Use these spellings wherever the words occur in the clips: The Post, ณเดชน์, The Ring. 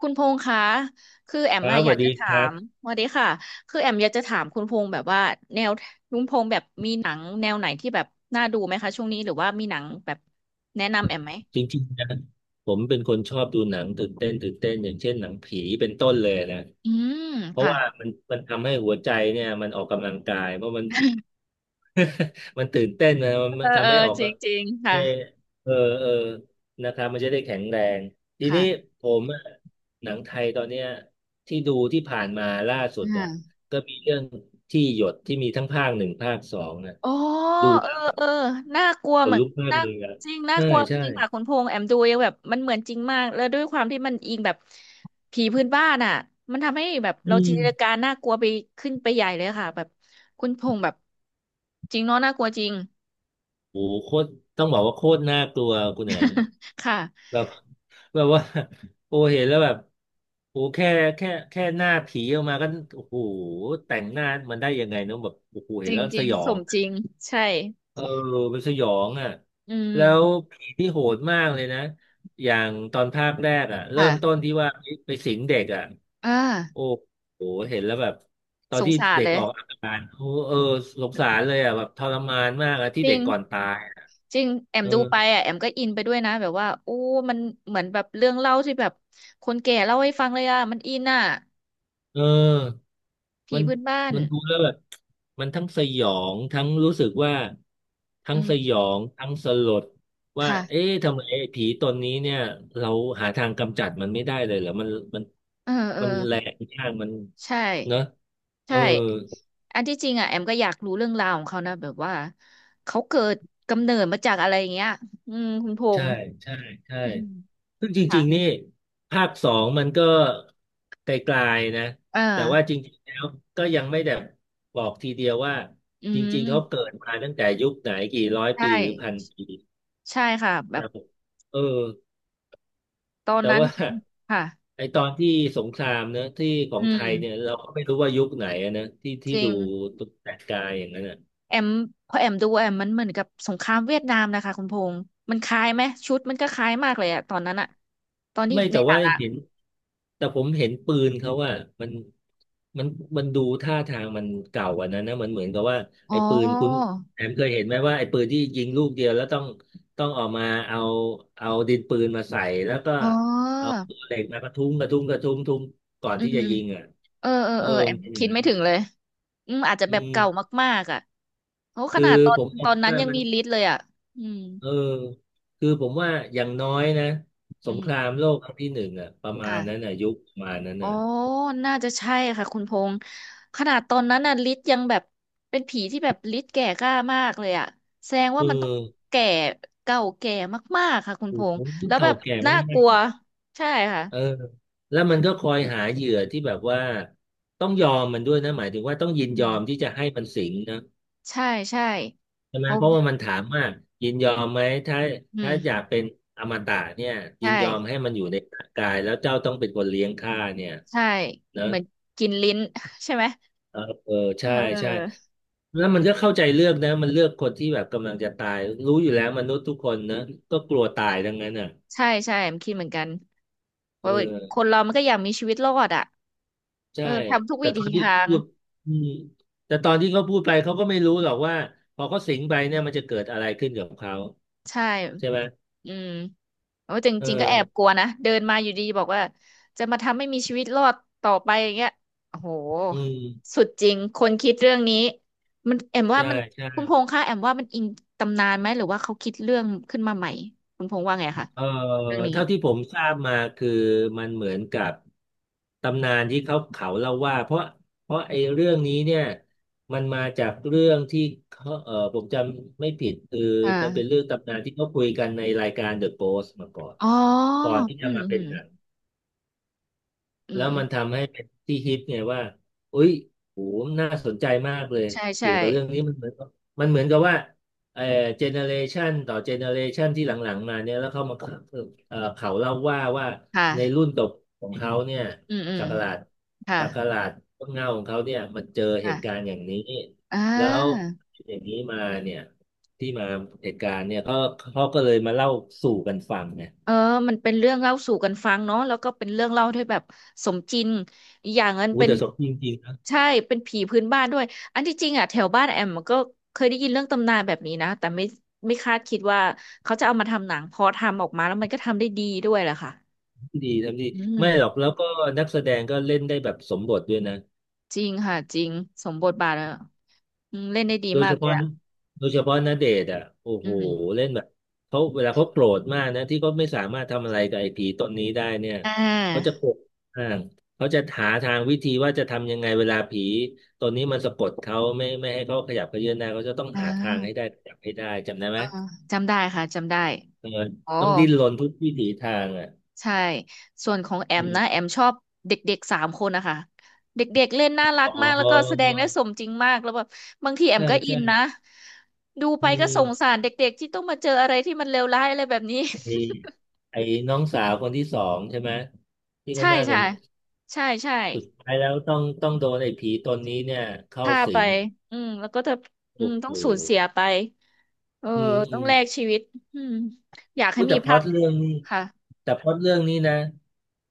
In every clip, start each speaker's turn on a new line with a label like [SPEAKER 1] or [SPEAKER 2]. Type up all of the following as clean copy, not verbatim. [SPEAKER 1] คุณพงษ์คะคือแอม
[SPEAKER 2] ครั
[SPEAKER 1] อะ
[SPEAKER 2] บส
[SPEAKER 1] อยา
[SPEAKER 2] วั
[SPEAKER 1] ก
[SPEAKER 2] สดี
[SPEAKER 1] จะถา
[SPEAKER 2] ครับ
[SPEAKER 1] มสวัสดีค่ะคือแอมอยากจะถามคุณพงษ์แบบว่าแนวคุณพงษ์แบบมีหนังแนวไหนที่แบบน่าดูไหมคะช่วงนี้หรือว่ามีหนังแบบแนะนำแอมไหม
[SPEAKER 2] จริงๆนะผมเป็นคนชอบดูหนังตื่นเต้นตื่นเต้นอย่างเช่นหนังผีเป็นต้นเลยนะ
[SPEAKER 1] อืม
[SPEAKER 2] เพราะ
[SPEAKER 1] ค่ะ
[SPEAKER 2] ว่ามันทำให้หัวใจเนี่ยมันออกกำลังกายเพราะมัน มันตื่นเต้นนะ
[SPEAKER 1] เอ
[SPEAKER 2] มั
[SPEAKER 1] อ
[SPEAKER 2] น
[SPEAKER 1] เอ
[SPEAKER 2] ทำ
[SPEAKER 1] อ
[SPEAKER 2] ให้ออก
[SPEAKER 1] จริ
[SPEAKER 2] ก็
[SPEAKER 1] งจริงค่ะ
[SPEAKER 2] ไม่เออเออนะครับมันจะได้แข็งแรงที
[SPEAKER 1] ค่
[SPEAKER 2] นี้ผมอะหนังไทยตอนเนี้ยที่ดูที่ผ่านมาล่าสุดอ่ะ
[SPEAKER 1] ะ
[SPEAKER 2] ก็มีเรื่องที่หยดที่มีทั้งภาคหนึ่งภาคสองนะ
[SPEAKER 1] อ๋อ
[SPEAKER 2] ดู
[SPEAKER 1] เอ
[SPEAKER 2] แล้
[SPEAKER 1] อ
[SPEAKER 2] ว
[SPEAKER 1] เออน่ากลัว
[SPEAKER 2] ข
[SPEAKER 1] เห
[SPEAKER 2] น
[SPEAKER 1] มือน
[SPEAKER 2] ลุกมาก
[SPEAKER 1] น่า
[SPEAKER 2] เลยอ่ะ
[SPEAKER 1] จริงน่า
[SPEAKER 2] ใช่
[SPEAKER 1] กลัว
[SPEAKER 2] ใช่
[SPEAKER 1] จริงค่ะคุณพงษ์แอมดูยังแบบมันเหมือนจริงมากแล้วด้วยความที่มันแบบผีพื้นบ้านอ่ะมันทำให้แบบ
[SPEAKER 2] อื
[SPEAKER 1] เราจิน
[SPEAKER 2] ม
[SPEAKER 1] ตนาการน่ากลัวไปขึ้นไปใหญ่เลยค่ะแบบคุณพงษ์แบบจริงเนาะน่ากลัวจริง
[SPEAKER 2] โอ้โหโคตรต้องบอกว่าโคตรน่ากลัวคุณแหนม
[SPEAKER 1] ค่ะ
[SPEAKER 2] แบบ แบบว่าโอ้เห็นแล้วแบบโอ้แค่หน้าผีออกมาก็โอ้โหแต่งหน้ามันได้ยังไงเนอะแบบโอ้โห
[SPEAKER 1] จ
[SPEAKER 2] เห็น
[SPEAKER 1] ริง
[SPEAKER 2] แล้ว
[SPEAKER 1] จ
[SPEAKER 2] ส
[SPEAKER 1] ริง
[SPEAKER 2] ยอ
[SPEAKER 1] ส
[SPEAKER 2] ง
[SPEAKER 1] มจริงใช่
[SPEAKER 2] เออมันสยองอ่ะ
[SPEAKER 1] อืม
[SPEAKER 2] แล้วผีที่โหดมากเลยนะอย่างตอนภาคแรกอ่ะเริ่มต้น
[SPEAKER 1] ค่ะ
[SPEAKER 2] ที่ว่าไปสิงเด็กอ่ะ
[SPEAKER 1] อ่า
[SPEAKER 2] โอ้โหเห็นแล้วแบบตอ
[SPEAKER 1] ส
[SPEAKER 2] น
[SPEAKER 1] ง
[SPEAKER 2] ที่
[SPEAKER 1] สาร
[SPEAKER 2] เด็ก
[SPEAKER 1] เล
[SPEAKER 2] อ
[SPEAKER 1] ย
[SPEAKER 2] อกอาการโอ้เออสงสารเลยอ่ะแบบทรมานมากอ่ะที่
[SPEAKER 1] จ
[SPEAKER 2] เด็
[SPEAKER 1] ริ
[SPEAKER 2] ก
[SPEAKER 1] ง
[SPEAKER 2] ก่อนตาย
[SPEAKER 1] จริงแอมดูไป
[SPEAKER 2] เออ
[SPEAKER 1] อ่ะแอมก็อินไปด้วยนะแบบว่าโอ้มันเหมือนแบบเรื่องเล่าที่แบบคนแก่เล่าให้ฟังเลยอ่ะมันอินอ่ะ
[SPEAKER 2] เออ
[SPEAKER 1] ผี
[SPEAKER 2] มัน
[SPEAKER 1] พื้นบ้าน
[SPEAKER 2] มันดูแล้วแบบมันทั้งสยองทั้งรู้สึกว่าทั้
[SPEAKER 1] อื
[SPEAKER 2] ง
[SPEAKER 1] ม
[SPEAKER 2] สยองทั้งสลดว่า
[SPEAKER 1] ค่ะ
[SPEAKER 2] เอ๊ะทำไมไอ้ผีตนนี้เนี่ยเราหาทางกำจัดมันไม่ได้เลยเหรอมัน
[SPEAKER 1] เออเออ
[SPEAKER 2] มันแรงมากมัน
[SPEAKER 1] ใช่
[SPEAKER 2] เนอะเออ
[SPEAKER 1] ใช่อันที่จริงอ่ะแอมก็อยากรู้เรื่องราวของเขานะแบบว่าเขาเกิดกำเนิดมาจากอะไรอย่างเงี้ยอืมคุณพ
[SPEAKER 2] ใช่
[SPEAKER 1] งษ์
[SPEAKER 2] ใช่ใช่
[SPEAKER 1] อืม
[SPEAKER 2] ซึ่งจ
[SPEAKER 1] ค่ะ
[SPEAKER 2] ริงๆนี่ภาคสองมันก็ไกลๆนะ
[SPEAKER 1] เออ
[SPEAKER 2] แต่ว่าจริงๆแล้วก็ยังไม่ได้บอกทีเดียวว่า
[SPEAKER 1] อื
[SPEAKER 2] จริงๆเขา
[SPEAKER 1] ม
[SPEAKER 2] เกิดมาตั้งแต่ยุคไหนกี่ร้อย
[SPEAKER 1] ใช
[SPEAKER 2] ปีหรือพัน
[SPEAKER 1] ่
[SPEAKER 2] ปี
[SPEAKER 1] ใช่ค่ะแบ
[SPEAKER 2] แต่
[SPEAKER 1] บ
[SPEAKER 2] ผมเออ
[SPEAKER 1] ตอน
[SPEAKER 2] แต่
[SPEAKER 1] นั้น
[SPEAKER 2] ว่า
[SPEAKER 1] มันค่ะ
[SPEAKER 2] ไอตอนที่สงครามเนอะที่ขอ
[SPEAKER 1] อื
[SPEAKER 2] งไท
[SPEAKER 1] ม
[SPEAKER 2] ยเนี่ยเราก็ไม่รู้ว่ายุคไหนอะนะที่
[SPEAKER 1] จ
[SPEAKER 2] ที่
[SPEAKER 1] ริ
[SPEAKER 2] ดู
[SPEAKER 1] ง
[SPEAKER 2] แต่กายอย่างนั้นอะ
[SPEAKER 1] แอมพอแอมดูแอมมันเหมือนกับสงครามเวียดนามนะคะคุณพงษ์มันคล้ายไหมชุดมันก็คล้ายมากเลยอะตอนนั้นอะตอนที่
[SPEAKER 2] ไม่
[SPEAKER 1] ใน
[SPEAKER 2] แต่
[SPEAKER 1] หนั
[SPEAKER 2] ว่า
[SPEAKER 1] งอะ
[SPEAKER 2] เห็นแต่ผมเห็นปืนเขาว่ามันมันมันดูท่าทางมันเก่ากว่านั้นนะมันเหมือนกับว่า
[SPEAKER 1] อ๋อ
[SPEAKER 2] ไอ้ปืนคุณแอมเคยเห็นไหมว่าไอ้ปืนที่ยิงลูกเดียวแล้วต้องออกมาเอาเอาดินปืนมาใส่แล้วก็
[SPEAKER 1] อ๋อ
[SPEAKER 2] เอาตัวเหล็กมากระทุ้งกระทุ้งกระทุ้งทุ้งก่อน
[SPEAKER 1] อื
[SPEAKER 2] ที่
[SPEAKER 1] ม
[SPEAKER 2] จะยิงอ่ะ
[SPEAKER 1] เออเออ
[SPEAKER 2] เออ
[SPEAKER 1] เออแอ
[SPEAKER 2] มัน
[SPEAKER 1] ม
[SPEAKER 2] เป็นอย่า
[SPEAKER 1] คิ
[SPEAKER 2] ง
[SPEAKER 1] ด
[SPEAKER 2] นั้น
[SPEAKER 1] ไม่
[SPEAKER 2] ไหม
[SPEAKER 1] ถึงเลยอืมอาจจะ
[SPEAKER 2] อื
[SPEAKER 1] แบบเก่า
[SPEAKER 2] ม
[SPEAKER 1] มากๆอะโอ้ข
[SPEAKER 2] คือ
[SPEAKER 1] นาดตอ
[SPEAKER 2] ผ
[SPEAKER 1] น
[SPEAKER 2] มม
[SPEAKER 1] ต
[SPEAKER 2] อ
[SPEAKER 1] อ
[SPEAKER 2] ง
[SPEAKER 1] นนั้น
[SPEAKER 2] ว่า
[SPEAKER 1] ยัง
[SPEAKER 2] มัน
[SPEAKER 1] มีลิสต์เลยอะอืม
[SPEAKER 2] เออคือผมว่าอย่างน้อยนะส
[SPEAKER 1] อื
[SPEAKER 2] ง
[SPEAKER 1] ม
[SPEAKER 2] ครามโลกครั้งที่หนึ่งอ่ะประมาณนั้น
[SPEAKER 1] ค่ะ
[SPEAKER 2] อ่ะยุคประมาณนั้น
[SPEAKER 1] อ๋อ
[SPEAKER 2] อ่ะ
[SPEAKER 1] น่าจะใช่ค่ะคุณพงษ์ขนาดตอนนั้นน่ะฤทธิ์ยังแบบเป็นผีที่แบบฤทธิ์แก่กล้ามากเลยอะแสดง
[SPEAKER 2] เอ
[SPEAKER 1] ว่ามันต้อง
[SPEAKER 2] อ
[SPEAKER 1] แก่เก่าแก่มากๆค่ะคุณพ
[SPEAKER 2] โอ้
[SPEAKER 1] ง
[SPEAKER 2] โห
[SPEAKER 1] ษ์แล้วแบ
[SPEAKER 2] เก่า
[SPEAKER 1] บ
[SPEAKER 2] แก่มา
[SPEAKER 1] น่ากลัว
[SPEAKER 2] ก
[SPEAKER 1] ใช่ค่ะ
[SPEAKER 2] ๆเออแล้วมันก็คอยหาเหยื่อที่แบบว่าต้องยอมมันด้วยนะหมายถึงว่าต้องยิ
[SPEAKER 1] อื
[SPEAKER 2] นยอม
[SPEAKER 1] ม
[SPEAKER 2] ที่จะให้มันสิงนะ
[SPEAKER 1] ใช่ใช่
[SPEAKER 2] ใช่ไห
[SPEAKER 1] ผ
[SPEAKER 2] มเพ
[SPEAKER 1] ม
[SPEAKER 2] ราะว่ามันถามว่ายินยอมไหมถ้า
[SPEAKER 1] อื
[SPEAKER 2] ถ้า
[SPEAKER 1] ม
[SPEAKER 2] อยากเป็นอมตะเนี่ยยิ
[SPEAKER 1] ใช่
[SPEAKER 2] นยอมให้มันอยู่ในร่างกายแล้วเจ้าต้องเป็นคนเลี้ยงข้าเนี่ย
[SPEAKER 1] ใช่
[SPEAKER 2] นะ
[SPEAKER 1] เหมือนกินลิ้น ใช่ไหม
[SPEAKER 2] เออเออ
[SPEAKER 1] เออ
[SPEAKER 2] ใช่
[SPEAKER 1] เอ
[SPEAKER 2] ใช่
[SPEAKER 1] อ
[SPEAKER 2] แล้วมันก็เข้าใจเลือกนะมันเลือกคนที่แบบกำลังจะตายรู้อยู่แล้วมนุษย์ทุกคนนะก็กลัวตายทั้งนั้นอ่ะ
[SPEAKER 1] ใช่ใช่ผมคิดเหมือนกัน
[SPEAKER 2] เ
[SPEAKER 1] ว่าค
[SPEAKER 2] ออ
[SPEAKER 1] นเรามันก็อยากมีชีวิตรอดอะเอ
[SPEAKER 2] ใช่
[SPEAKER 1] อทำทุก
[SPEAKER 2] แต่
[SPEAKER 1] วิ
[SPEAKER 2] ต
[SPEAKER 1] ถี
[SPEAKER 2] อนที่
[SPEAKER 1] ทา
[SPEAKER 2] เขา
[SPEAKER 1] ง
[SPEAKER 2] พูดอืมแต่ตอนที่เขาพูดไปเขาก็ไม่รู้หรอกว่าพอเขาสิงไปเนี่ยมันจะเกิดอะไรขึ้นกับเขา
[SPEAKER 1] ใช่
[SPEAKER 2] ใช่ไหม
[SPEAKER 1] อืมโอ้จ
[SPEAKER 2] เออ
[SPEAKER 1] ริงๆก็แอบกลัวนะเดินมาอยู่ดีบอกว่าจะมาทำให้มีชีวิตรอดต่อไปอย่างเงี้ยโอ้โห
[SPEAKER 2] อืม
[SPEAKER 1] สุดจริงคนคิดเรื่องนี้มันแอมว่า
[SPEAKER 2] ใช่
[SPEAKER 1] มัน
[SPEAKER 2] ใช่
[SPEAKER 1] คุณพงษ์คะแอมว่ามันอิงตำนานไหมหรือว่าเขาคิดเรื่องขึ้นมาใหม่คุณพงษ์ว่าไงคะ
[SPEAKER 2] เออ
[SPEAKER 1] เรื่องนี้
[SPEAKER 2] เท่าที่ผมทราบมาคือมันเหมือนกับตำนานที่เขาเล่าว่าเพราะไอ้เรื่องนี้เนี่ยมันมาจากเรื่องที่เขาเออผมจำไม่ผิดคือ
[SPEAKER 1] อ
[SPEAKER 2] มันเป็น
[SPEAKER 1] ่า
[SPEAKER 2] เรื่องตำนานที่เขาคุยกันในรายการ The Post มาก่อน
[SPEAKER 1] อ๋อ
[SPEAKER 2] ก่อนที่
[SPEAKER 1] อื
[SPEAKER 2] จะ
[SPEAKER 1] ม
[SPEAKER 2] มา
[SPEAKER 1] อื
[SPEAKER 2] เป็น
[SPEAKER 1] ม
[SPEAKER 2] หนัง
[SPEAKER 1] อื
[SPEAKER 2] แล้
[SPEAKER 1] ม
[SPEAKER 2] ว
[SPEAKER 1] อืม
[SPEAKER 2] มันทำให้เป็นที่ฮิตไงว่าอุ๊ยโหน่าสนใจมากเลย
[SPEAKER 1] ใช่ใช่
[SPEAKER 2] เกี่ยวกับเรื่องนี้มันเหมือนกับมันเหมือนกับว่าเอ่อเจเนเรชันต่อเจเนเรชันที่หลังๆมาเนี่ยแล้วเขามาเขาเล่าว่า
[SPEAKER 1] ค
[SPEAKER 2] ในรุ่
[SPEAKER 1] ่ะ
[SPEAKER 2] นตบของเขาเนี่ย
[SPEAKER 1] อืมอืม
[SPEAKER 2] ศักราช
[SPEAKER 1] ค่ะ
[SPEAKER 2] ศักราชต้นเงาของเขาเนี่ยมันเจอเห
[SPEAKER 1] ค่ะ
[SPEAKER 2] ตุการณ์อย่างนี้
[SPEAKER 1] อ่
[SPEAKER 2] แล้ว
[SPEAKER 1] า
[SPEAKER 2] อย่างนี้มาเนี่ยที่มาเหตุการณ์เนี่ยเขาก็เลยมาเล่าสู่กันฟังไง
[SPEAKER 1] เออมันเป็นเรื่องเล่าสู่กันฟังเนาะแล้วก็เป็นเรื่องเล่าที่แบบสมจริงอีกอย่างนั้น
[SPEAKER 2] อู้
[SPEAKER 1] เป็น
[SPEAKER 2] แต่สดจริงๆ
[SPEAKER 1] ใช่เป็นผีพื้นบ้านด้วยอันที่จริงอ่ะแถวบ้านแอมมันก็เคยได้ยินเรื่องตำนานแบบนี้นะแต่ไม่คาดคิดว่าเขาจะเอามาทำหนังพอทำออกมาแล้วมันก็ทำได้ดีด้วยแหละค่ะ
[SPEAKER 2] ทำดี
[SPEAKER 1] อื
[SPEAKER 2] ไม่หรอก
[SPEAKER 1] ม
[SPEAKER 2] แล้วก็นักแสดงก็เล่นได้แบบสมบทด้วยนะ
[SPEAKER 1] จริงค่ะจริงสมบทบาทอะอืมเล่นได้ดี
[SPEAKER 2] โดย
[SPEAKER 1] มา
[SPEAKER 2] เฉ
[SPEAKER 1] กเลย
[SPEAKER 2] พาะ
[SPEAKER 1] อ่ะ
[SPEAKER 2] นะโดยเฉพาะณเดชน์อ่ะโอ้
[SPEAKER 1] อื
[SPEAKER 2] โห
[SPEAKER 1] ม
[SPEAKER 2] เล่นแบบเขาเวลาเขาโกรธมากนะที่เขาไม่สามารถทำอะไรกับไอ้ผีตนนี้ได้เนี่ย
[SPEAKER 1] อ่า
[SPEAKER 2] เขาจะโกรธมากเขาจะหาทางวิธีว่าจะทำยังไงเวลาผีตนนี้มันสะกดเขาไม่ให้เขาขยับเขยื้อนหน้าเขาจะต้อง
[SPEAKER 1] อ่
[SPEAKER 2] หาทางให้ได้
[SPEAKER 1] า
[SPEAKER 2] ขยับให้ได้จำได้ไหม
[SPEAKER 1] อ่าจำได้ค่ะจำได้
[SPEAKER 2] เออ
[SPEAKER 1] อ๋อ
[SPEAKER 2] ต้องดิ้นรนทุกวิถีทางอ่ะ
[SPEAKER 1] ใช่ ส่วนของแอ
[SPEAKER 2] อื
[SPEAKER 1] มนะแอ
[SPEAKER 2] ม
[SPEAKER 1] มชอบเด็กๆสามคนนะคะเด็กๆเล่นน่ารั
[SPEAKER 2] อ๋
[SPEAKER 1] กมากแล้วก็แส
[SPEAKER 2] อ
[SPEAKER 1] ดงได้สมจริงมากแล้วแบบบางทีแอม
[SPEAKER 2] ใช่
[SPEAKER 1] ก็อิ
[SPEAKER 2] ใช่
[SPEAKER 1] นนะดูไป
[SPEAKER 2] อื
[SPEAKER 1] ก็สงสา
[SPEAKER 2] ม
[SPEAKER 1] รเด็กๆที่ต้องมาเจออะไรที่มันเลวร้ายอะไรแบบนี้
[SPEAKER 2] มีไอ้น้องสาวคนที่สองใช่ไหมที่ ค
[SPEAKER 1] ใช่
[SPEAKER 2] นหน้าส
[SPEAKER 1] ใช่
[SPEAKER 2] น
[SPEAKER 1] ใช่ใช่
[SPEAKER 2] สุดท้ายแล้วต้องโดนไอ้ผีตนนี้เนี่ยเข้า
[SPEAKER 1] ฆ่าไป
[SPEAKER 2] สิง
[SPEAKER 1] อืมแล้วก็จะอื
[SPEAKER 2] โอ้
[SPEAKER 1] ม
[SPEAKER 2] โห
[SPEAKER 1] ต้องสูญเสียไปเออ
[SPEAKER 2] อืม
[SPEAKER 1] ต้
[SPEAKER 2] อื
[SPEAKER 1] อง
[SPEAKER 2] ม
[SPEAKER 1] แลกชีวิตอืมอยาก
[SPEAKER 2] พู
[SPEAKER 1] ให้
[SPEAKER 2] ด
[SPEAKER 1] มี
[SPEAKER 2] แต่พล็
[SPEAKER 1] ภา
[SPEAKER 2] อต
[SPEAKER 1] ค
[SPEAKER 2] เรื่องนี้
[SPEAKER 1] ค่ะ
[SPEAKER 2] แต่พล็อตเรื่องนี้นะ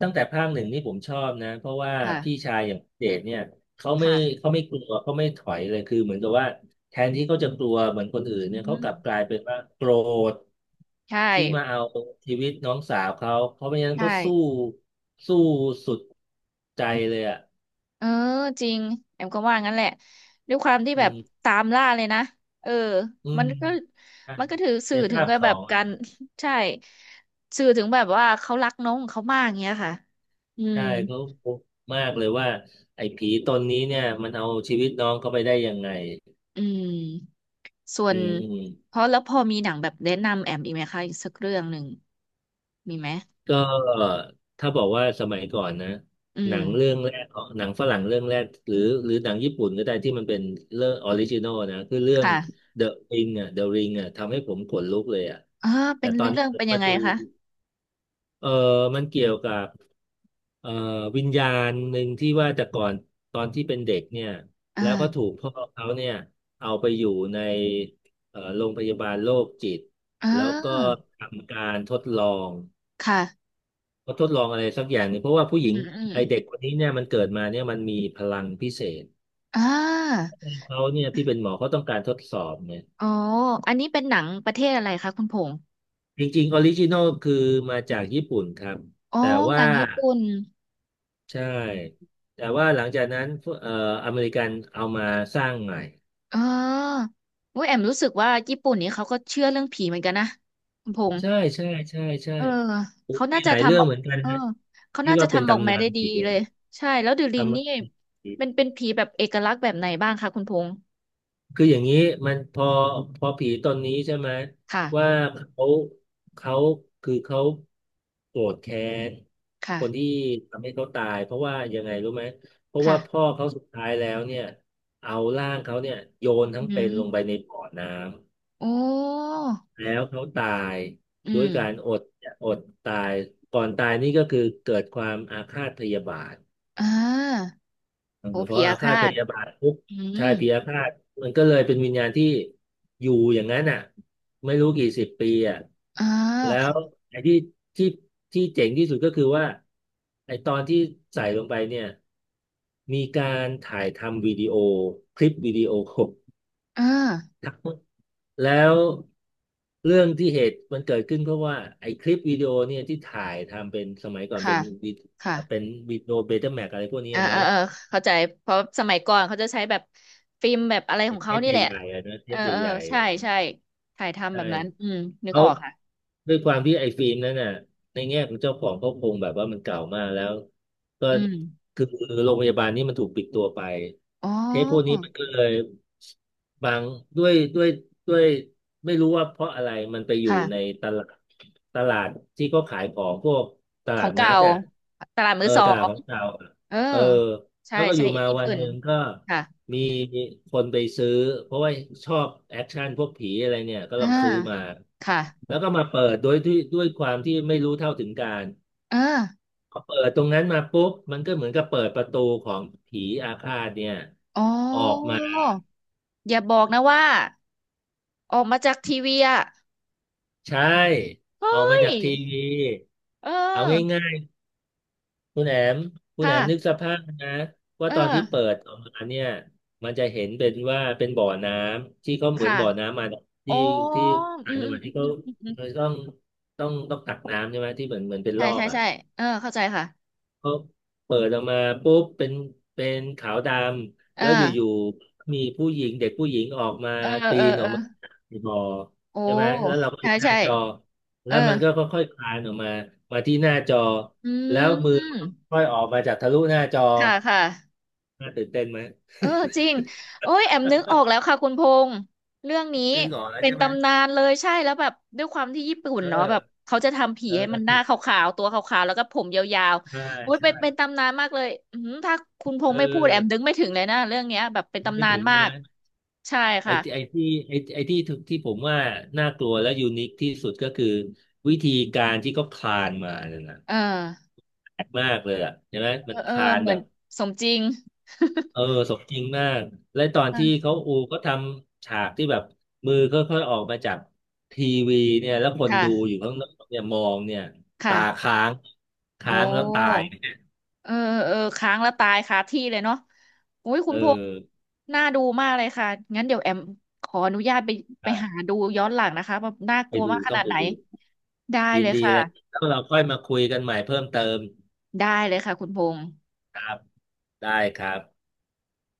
[SPEAKER 2] ตั้งแต่ภาคหนึ่งนี่ผมชอบนะเพราะว่าพี่
[SPEAKER 1] ค่ะ
[SPEAKER 2] ชายอย่างเดชเนี่ยเขาไม่
[SPEAKER 1] ค่ะ
[SPEAKER 2] เขาไม่กลัวเขาไม่ถอยเลยคือเหมือนกับว่าแทนที่เขาจะกลัวเหมือนคนอื่น
[SPEAKER 1] อื
[SPEAKER 2] เนี่ยเขาก
[SPEAKER 1] ม
[SPEAKER 2] ลับกลายเป็นว่าโกรธ
[SPEAKER 1] ใช่
[SPEAKER 2] ที่มาเอาชีวิตน้องสาวเขาเพราะไม่งั้น
[SPEAKER 1] ใช่
[SPEAKER 2] ก็สู้สุดใจเลยอ่ะ
[SPEAKER 1] เออจริงแอมก็ว่างั้นแหละด้วยความที่
[SPEAKER 2] อื
[SPEAKER 1] แบบ
[SPEAKER 2] ม
[SPEAKER 1] ตามล่าเลยนะเออ
[SPEAKER 2] อื
[SPEAKER 1] มัน
[SPEAKER 2] ม
[SPEAKER 1] ก็
[SPEAKER 2] ใช่
[SPEAKER 1] มันก็ถือ
[SPEAKER 2] ใน
[SPEAKER 1] สื่อถึง
[SPEAKER 2] ภาค
[SPEAKER 1] ก็
[SPEAKER 2] ส
[SPEAKER 1] แบ
[SPEAKER 2] อ
[SPEAKER 1] บ
[SPEAKER 2] งอะ
[SPEAKER 1] การ
[SPEAKER 2] นะ
[SPEAKER 1] ใช่สื่อถึงแบบว่าเขารักน้องของเขามากเงี้ยค่ะอืม
[SPEAKER 2] ใช่เขาพบมากเลยว่าไอ้ผีตนนี้เนี่ยมันเอาชีวิตน้องเขาไปได้ยังไง
[SPEAKER 1] อืมส่ว
[SPEAKER 2] อื
[SPEAKER 1] น
[SPEAKER 2] มอืม
[SPEAKER 1] เพราะแล้วพอมีหนังแบบแนะนำแอมอีกไหมคะอีกสักเรื่องหนึ่งมีไหม
[SPEAKER 2] ก็ถ้าบอกว่าสมัยก่อนนะ
[SPEAKER 1] อื
[SPEAKER 2] หนั
[SPEAKER 1] ม
[SPEAKER 2] งเรื่องแรกหนังฝรั่งเรื่องแรกหรือหรือหนังญี่ปุ่นก็ได้ที่มันเป็นเรื่องออริจินอลนะคือเรื่อง
[SPEAKER 1] ค่ะ
[SPEAKER 2] The Ring อ่ะ The Ring อ่ะทำให้ผมขนลุกเลยอ่ะ
[SPEAKER 1] เออเป็
[SPEAKER 2] แต่
[SPEAKER 1] น
[SPEAKER 2] ตอน
[SPEAKER 1] เรื่
[SPEAKER 2] นี้
[SPEAKER 1] อง
[SPEAKER 2] ผ
[SPEAKER 1] เป็
[SPEAKER 2] ม
[SPEAKER 1] นยั
[SPEAKER 2] มา
[SPEAKER 1] งไง
[SPEAKER 2] ดู
[SPEAKER 1] คะ
[SPEAKER 2] เออมันเกี่ยวกับเอ่อวิญญาณหนึ่งที่ว่าแต่ก่อนตอนที่เป็นเด็กเนี่ย
[SPEAKER 1] อ
[SPEAKER 2] แล้วก็ถู
[SPEAKER 1] ่า
[SPEAKER 2] กพ่อเขาเนี่ยเอาไปอยู่ในโรงพยาบาลโรคจิต
[SPEAKER 1] อ่
[SPEAKER 2] แล้วก็
[SPEAKER 1] า
[SPEAKER 2] ทำการทดลอง
[SPEAKER 1] ค่ะ
[SPEAKER 2] เขาทดลองอะไรสักอย่างหนึงเพราะว่าผู้ห
[SPEAKER 1] อื
[SPEAKER 2] ญิง
[SPEAKER 1] มอืม
[SPEAKER 2] ไอเด็กคนนี้เนี่ยมันเกิดมาเนี่ยมันมีพลังพิเศษ
[SPEAKER 1] อ่า
[SPEAKER 2] เขาเนี่ยที่เป็นหมอเขาต้องการทดสอบเนี่ย
[SPEAKER 1] อ๋ออันนี้เป็นหนังประเทศอะไรคะคุณพงษ์
[SPEAKER 2] จริงๆออริจินอลคือมาจากญี่ปุ่นครับ
[SPEAKER 1] อ๋อ
[SPEAKER 2] แต่
[SPEAKER 1] ห
[SPEAKER 2] ว่า
[SPEAKER 1] นังญี่ปุ่น
[SPEAKER 2] ใช่แต่ว่าหลังจากนั้นเอ่ออเมริกันเอามาสร้างใหม่
[SPEAKER 1] อ๋อโอุ้ยแอมรู้สึกว่าญี่ปุ่นนี้เขาก็เชื่อเรื่องผีเหมือนกันนะคุณพงษ์
[SPEAKER 2] ใช่ใช่ใช่ใช่
[SPEAKER 1] เออเขา
[SPEAKER 2] มี
[SPEAKER 1] น่า
[SPEAKER 2] ห
[SPEAKER 1] จะ
[SPEAKER 2] ลายเรื่อ
[SPEAKER 1] ทำ
[SPEAKER 2] ง
[SPEAKER 1] ออก
[SPEAKER 2] เหมือนกัน
[SPEAKER 1] เออ
[SPEAKER 2] นะ
[SPEAKER 1] เขา
[SPEAKER 2] ที่
[SPEAKER 1] น่าจะ
[SPEAKER 2] ว่าเป็น
[SPEAKER 1] ทำออก
[SPEAKER 2] ตำ
[SPEAKER 1] มา
[SPEAKER 2] นา
[SPEAKER 1] ได้
[SPEAKER 2] น
[SPEAKER 1] ดี
[SPEAKER 2] ผี
[SPEAKER 1] เล
[SPEAKER 2] อะ
[SPEAKER 1] ยใช่แล้วเดอะลิง
[SPEAKER 2] ทำ
[SPEAKER 1] นี่เป็นเป็นผีแบบเอกลักษณ์แบบไหนบ้างคะคุณพงษ์
[SPEAKER 2] คืออย่างนี้มันพอผีตนนี้ใช่ไหม
[SPEAKER 1] ค่ะ
[SPEAKER 2] ว่าเขาเขาเขาโกรธแค้น
[SPEAKER 1] ค่ะ
[SPEAKER 2] คนที่ทำให้เขาตายเพราะว่ายังไงรู้ไหมเพราะ
[SPEAKER 1] ค่ะ
[SPEAKER 2] ว่าพ่อเขาสุดท้ายแล้วเนี่ยเอาร่างเขาเนี่ยโยนทั้ง
[SPEAKER 1] อื
[SPEAKER 2] เป็นลงไปใน
[SPEAKER 1] ม
[SPEAKER 2] บ่อน้
[SPEAKER 1] โอ้
[SPEAKER 2] ำแล้วเขาตาย
[SPEAKER 1] อื
[SPEAKER 2] ด้วย
[SPEAKER 1] ม
[SPEAKER 2] การอดตายก่อนตายนี่ก็คือเกิดความอาฆาตพยาบาท
[SPEAKER 1] อ่า
[SPEAKER 2] เออ
[SPEAKER 1] โอ้
[SPEAKER 2] เพ
[SPEAKER 1] ผี
[SPEAKER 2] ราะ
[SPEAKER 1] อา
[SPEAKER 2] อาฆาต
[SPEAKER 1] ฆา
[SPEAKER 2] พ
[SPEAKER 1] ต
[SPEAKER 2] ยาบาทปุ๊บ
[SPEAKER 1] อื
[SPEAKER 2] ใช่
[SPEAKER 1] ม
[SPEAKER 2] พยาฆาตมันก็เลยเป็นวิญญาณที่อยู่อย่างนั้นอ่ะไม่รู้กี่สิบปีอ่ะ
[SPEAKER 1] อ่า
[SPEAKER 2] แล้ว
[SPEAKER 1] ค่ะ
[SPEAKER 2] ไอ้ที่ที่ที่เจ๋งที่สุดก็คือว่าไอ้ตอนที่ใส่ลงไปเนี่ยมีการถ่ายทำวิดีโอคลิปวิดีโอ
[SPEAKER 1] อ่า
[SPEAKER 2] ทั้งแล้วเรื่องที่เหตุมันเกิดขึ้นเพราะว่าไอ้คลิปวิดีโอเนี่ยที่ถ่ายทำเป็นสมัยก่อนเป็
[SPEAKER 1] ค่ะ
[SPEAKER 2] นวิ
[SPEAKER 1] ค่ะ
[SPEAKER 2] เป็นวิดีโอเบต้าแม็กอะไรพวกเนี้ย
[SPEAKER 1] อ่าอ่า
[SPEAKER 2] เนาะ
[SPEAKER 1] เออเข้าใจเพราะสมัยก่อนเขาจะใช้แบบฟิล์มแบบอะไรข
[SPEAKER 2] ไอ้
[SPEAKER 1] อง
[SPEAKER 2] เท
[SPEAKER 1] เขา
[SPEAKER 2] ป
[SPEAKER 1] นี่แหละ
[SPEAKER 2] ใหญ่ๆอะนะเท
[SPEAKER 1] เออ
[SPEAKER 2] ป
[SPEAKER 1] เออ
[SPEAKER 2] ใหญ่ๆ
[SPEAKER 1] ใช่
[SPEAKER 2] อะ
[SPEAKER 1] ใช่ถ่ายทำ
[SPEAKER 2] ใช่
[SPEAKER 1] แบบนั้นอืมนึก
[SPEAKER 2] เขา
[SPEAKER 1] ออกค่ะ
[SPEAKER 2] ด้วยความที่ไอ้ฟิล์มนั้นน่ะในแง่ของเจ้าของเขาคงแบบว่ามันเก่ามากแล้วก็
[SPEAKER 1] อืม
[SPEAKER 2] คือโรงพยาบาลนี้มันถูกปิดตัวไป
[SPEAKER 1] อ๋อ
[SPEAKER 2] เทปพวกนี้มันก็เลยบางด้วยด้วยด้วยไม่รู้ว่าเพราะอะไรมันไปอยู่ใน
[SPEAKER 1] ค่ะ
[SPEAKER 2] ตลาดตลาดที่เขาขายของพวกต
[SPEAKER 1] ขอ
[SPEAKER 2] ลา
[SPEAKER 1] ง
[SPEAKER 2] ดนั
[SPEAKER 1] เก่า
[SPEAKER 2] ดอ่ะ
[SPEAKER 1] ตลาดมื
[SPEAKER 2] เอ
[SPEAKER 1] อ
[SPEAKER 2] อ
[SPEAKER 1] สอ
[SPEAKER 2] ตลาด
[SPEAKER 1] ง
[SPEAKER 2] ของเก่าอะ
[SPEAKER 1] เออ
[SPEAKER 2] เออ
[SPEAKER 1] ใช่
[SPEAKER 2] แล้วก็อ
[SPEAKER 1] ใช่
[SPEAKER 2] ยู่มา
[SPEAKER 1] ญี่
[SPEAKER 2] วัน
[SPEAKER 1] ปุ่
[SPEAKER 2] ห
[SPEAKER 1] น
[SPEAKER 2] นึ่งก็
[SPEAKER 1] ค่ะ
[SPEAKER 2] มีคนไปซื้อเพราะว่าชอบแอคชั่นพวกผีอะไรเนี่ยก็
[SPEAKER 1] อ่า
[SPEAKER 2] ลองซื้อมา
[SPEAKER 1] ค่ะ
[SPEAKER 2] แล้วก็มาเปิดโดยที่ด้วยความที่ไม่รู้เท่าถึงการ
[SPEAKER 1] ออา
[SPEAKER 2] พอเปิดตรงนั้นมาปุ๊บมันก็เหมือนกับเปิดประตูของผีอาฆาตเนี่ย
[SPEAKER 1] อ๋อ
[SPEAKER 2] ออกมา
[SPEAKER 1] อย่าบอกนะว่าออกมาจากทีวีอ่ะ
[SPEAKER 2] ใช่
[SPEAKER 1] เฮ้
[SPEAKER 2] เอามา
[SPEAKER 1] ย
[SPEAKER 2] จากทีวี
[SPEAKER 1] เอ
[SPEAKER 2] เอา
[SPEAKER 1] อ
[SPEAKER 2] คุณแอมคุณแอมนึก
[SPEAKER 1] ค่ะ
[SPEAKER 2] สภาพนะว่า
[SPEAKER 1] เออ
[SPEAKER 2] ตอนที่เปิดออกมาเนี่ยมันจะเห็นเป็นว่าเป็นบ่อน้ำที่เขาเหมือ
[SPEAKER 1] ค่ะ
[SPEAKER 2] นบ่อน้ำมา
[SPEAKER 1] อ๋อ
[SPEAKER 2] ที่ที่
[SPEAKER 1] อื
[SPEAKER 2] ต่าง
[SPEAKER 1] ม
[SPEAKER 2] จัง
[SPEAKER 1] อื
[SPEAKER 2] ห
[SPEAKER 1] ม
[SPEAKER 2] วัดที่เขา
[SPEAKER 1] อืมอื
[SPEAKER 2] ที่
[SPEAKER 1] ม
[SPEAKER 2] เขาต้องตักน้ำใช่ไหมที่เหมือนเป็น
[SPEAKER 1] ใช่
[SPEAKER 2] ลอ
[SPEAKER 1] ใช่
[SPEAKER 2] กอ่ะ
[SPEAKER 1] ใช่เออเข้าใจค่ะ
[SPEAKER 2] เขาเปิดออกมาปุ๊บเป็นขาวดำ
[SPEAKER 1] เออ
[SPEAKER 2] แล้วอยู่ๆมีผู้หญิงเด็กผู้หญิงออกมา
[SPEAKER 1] เออเออ
[SPEAKER 2] ปีนอ
[SPEAKER 1] เอ
[SPEAKER 2] อก
[SPEAKER 1] อ
[SPEAKER 2] มาในบ่อ
[SPEAKER 1] โอ้
[SPEAKER 2] ใช่ไหมแล้วเราก็ดู
[SPEAKER 1] ใช่
[SPEAKER 2] หน้า
[SPEAKER 1] ใช่
[SPEAKER 2] จอ
[SPEAKER 1] เอ
[SPEAKER 2] แล้
[SPEAKER 1] อ
[SPEAKER 2] วมันก็ค่อยๆคลานออกมามาที่หน้าจอ
[SPEAKER 1] อื
[SPEAKER 2] แล้วมือมันก็
[SPEAKER 1] ม
[SPEAKER 2] ค่อยออกมาจากทะลุหน้าจอ
[SPEAKER 1] ค่ะค่ะ
[SPEAKER 2] น่าตื่นเต้นไหม
[SPEAKER 1] เออจริงโอ้ยแอมนึกออกแล้วค่ะคุณพงษ์เรื่องนี้
[SPEAKER 2] คือออกแล้ว
[SPEAKER 1] เป็น
[SPEAKER 2] ใช่ไหม
[SPEAKER 1] ตำนานเลยใช่แล้วแบบด้วยความที่ญี่ปุ่น
[SPEAKER 2] เอ
[SPEAKER 1] เนาะแบบ
[SPEAKER 2] อ
[SPEAKER 1] เขาจะทำผีให้มันห
[SPEAKER 2] เออ
[SPEAKER 1] น้าขาวๆตัวขาวๆแล้วก็ผมยาว
[SPEAKER 2] ใช่
[SPEAKER 1] ๆโอ้ย
[SPEAKER 2] ใช่
[SPEAKER 1] เป็นเป็นตำนานมากเลยอืมถ้าคุณพง
[SPEAKER 2] เออ
[SPEAKER 1] ษ์ไม่พูดแอมนึกไม่ถึงเลยนะเรื่องเนี้ยแบบเป็นตำ
[SPEAKER 2] ไม่
[SPEAKER 1] นาน
[SPEAKER 2] ถึง
[SPEAKER 1] มา
[SPEAKER 2] ใช่ไหม
[SPEAKER 1] กใช่
[SPEAKER 2] ไอ้
[SPEAKER 1] ค่ะ
[SPEAKER 2] ที่ไอ้ที่ไอ้ไอ้ที่ที่ผมว่าน่ากลัวและยูนิคที่สุดก็คือวิธีการที่เขาคลานมาเนี่ยนะ
[SPEAKER 1] เออ
[SPEAKER 2] แปลกมากเลยอ่ะใช่ไหม
[SPEAKER 1] เอ
[SPEAKER 2] มัน
[SPEAKER 1] อเอ
[SPEAKER 2] ค
[SPEAKER 1] อ
[SPEAKER 2] ลาน
[SPEAKER 1] เหมื
[SPEAKER 2] แบ
[SPEAKER 1] อน
[SPEAKER 2] บ
[SPEAKER 1] สมจริง
[SPEAKER 2] เออสมจริงมากและตอน
[SPEAKER 1] ค่ะ
[SPEAKER 2] ที่เขาอูก็ทำฉากที่แบบมือค่อยๆออกมาจากทีวีเนี่ยแล้วคน
[SPEAKER 1] ค่ะ
[SPEAKER 2] ดูอยู่ข้างนอกเนี่ยมองเนี่ยตา
[SPEAKER 1] ค่ะ
[SPEAKER 2] ค้าง
[SPEAKER 1] โอ้
[SPEAKER 2] ค้างแล้วตาย
[SPEAKER 1] เออ เออค้างแล้วตายคาที่เลยเนาะอุ้ยคุ
[SPEAKER 2] เออ
[SPEAKER 1] ณพงษ์น่าดูมากเลยค่ะ งั้นเดี๋ยวแอมขออนุญาตไปไปหา
[SPEAKER 2] ใช่
[SPEAKER 1] ดูย้อนหลังนะคะว่าน่าก
[SPEAKER 2] ไป
[SPEAKER 1] ลัว
[SPEAKER 2] ดู
[SPEAKER 1] มากข
[SPEAKER 2] ต้อ
[SPEAKER 1] นา
[SPEAKER 2] ง
[SPEAKER 1] ด
[SPEAKER 2] ไป
[SPEAKER 1] ไหน
[SPEAKER 2] ดู
[SPEAKER 1] ได้
[SPEAKER 2] ยิ
[SPEAKER 1] เล
[SPEAKER 2] น
[SPEAKER 1] ย
[SPEAKER 2] ดี
[SPEAKER 1] ค่ะ
[SPEAKER 2] เลยแล้วเราค่อยมาคุยกันใหม่เพิ่มเติม
[SPEAKER 1] ได้เลยค่ะคุณพงษ์
[SPEAKER 2] ครับได้ครับ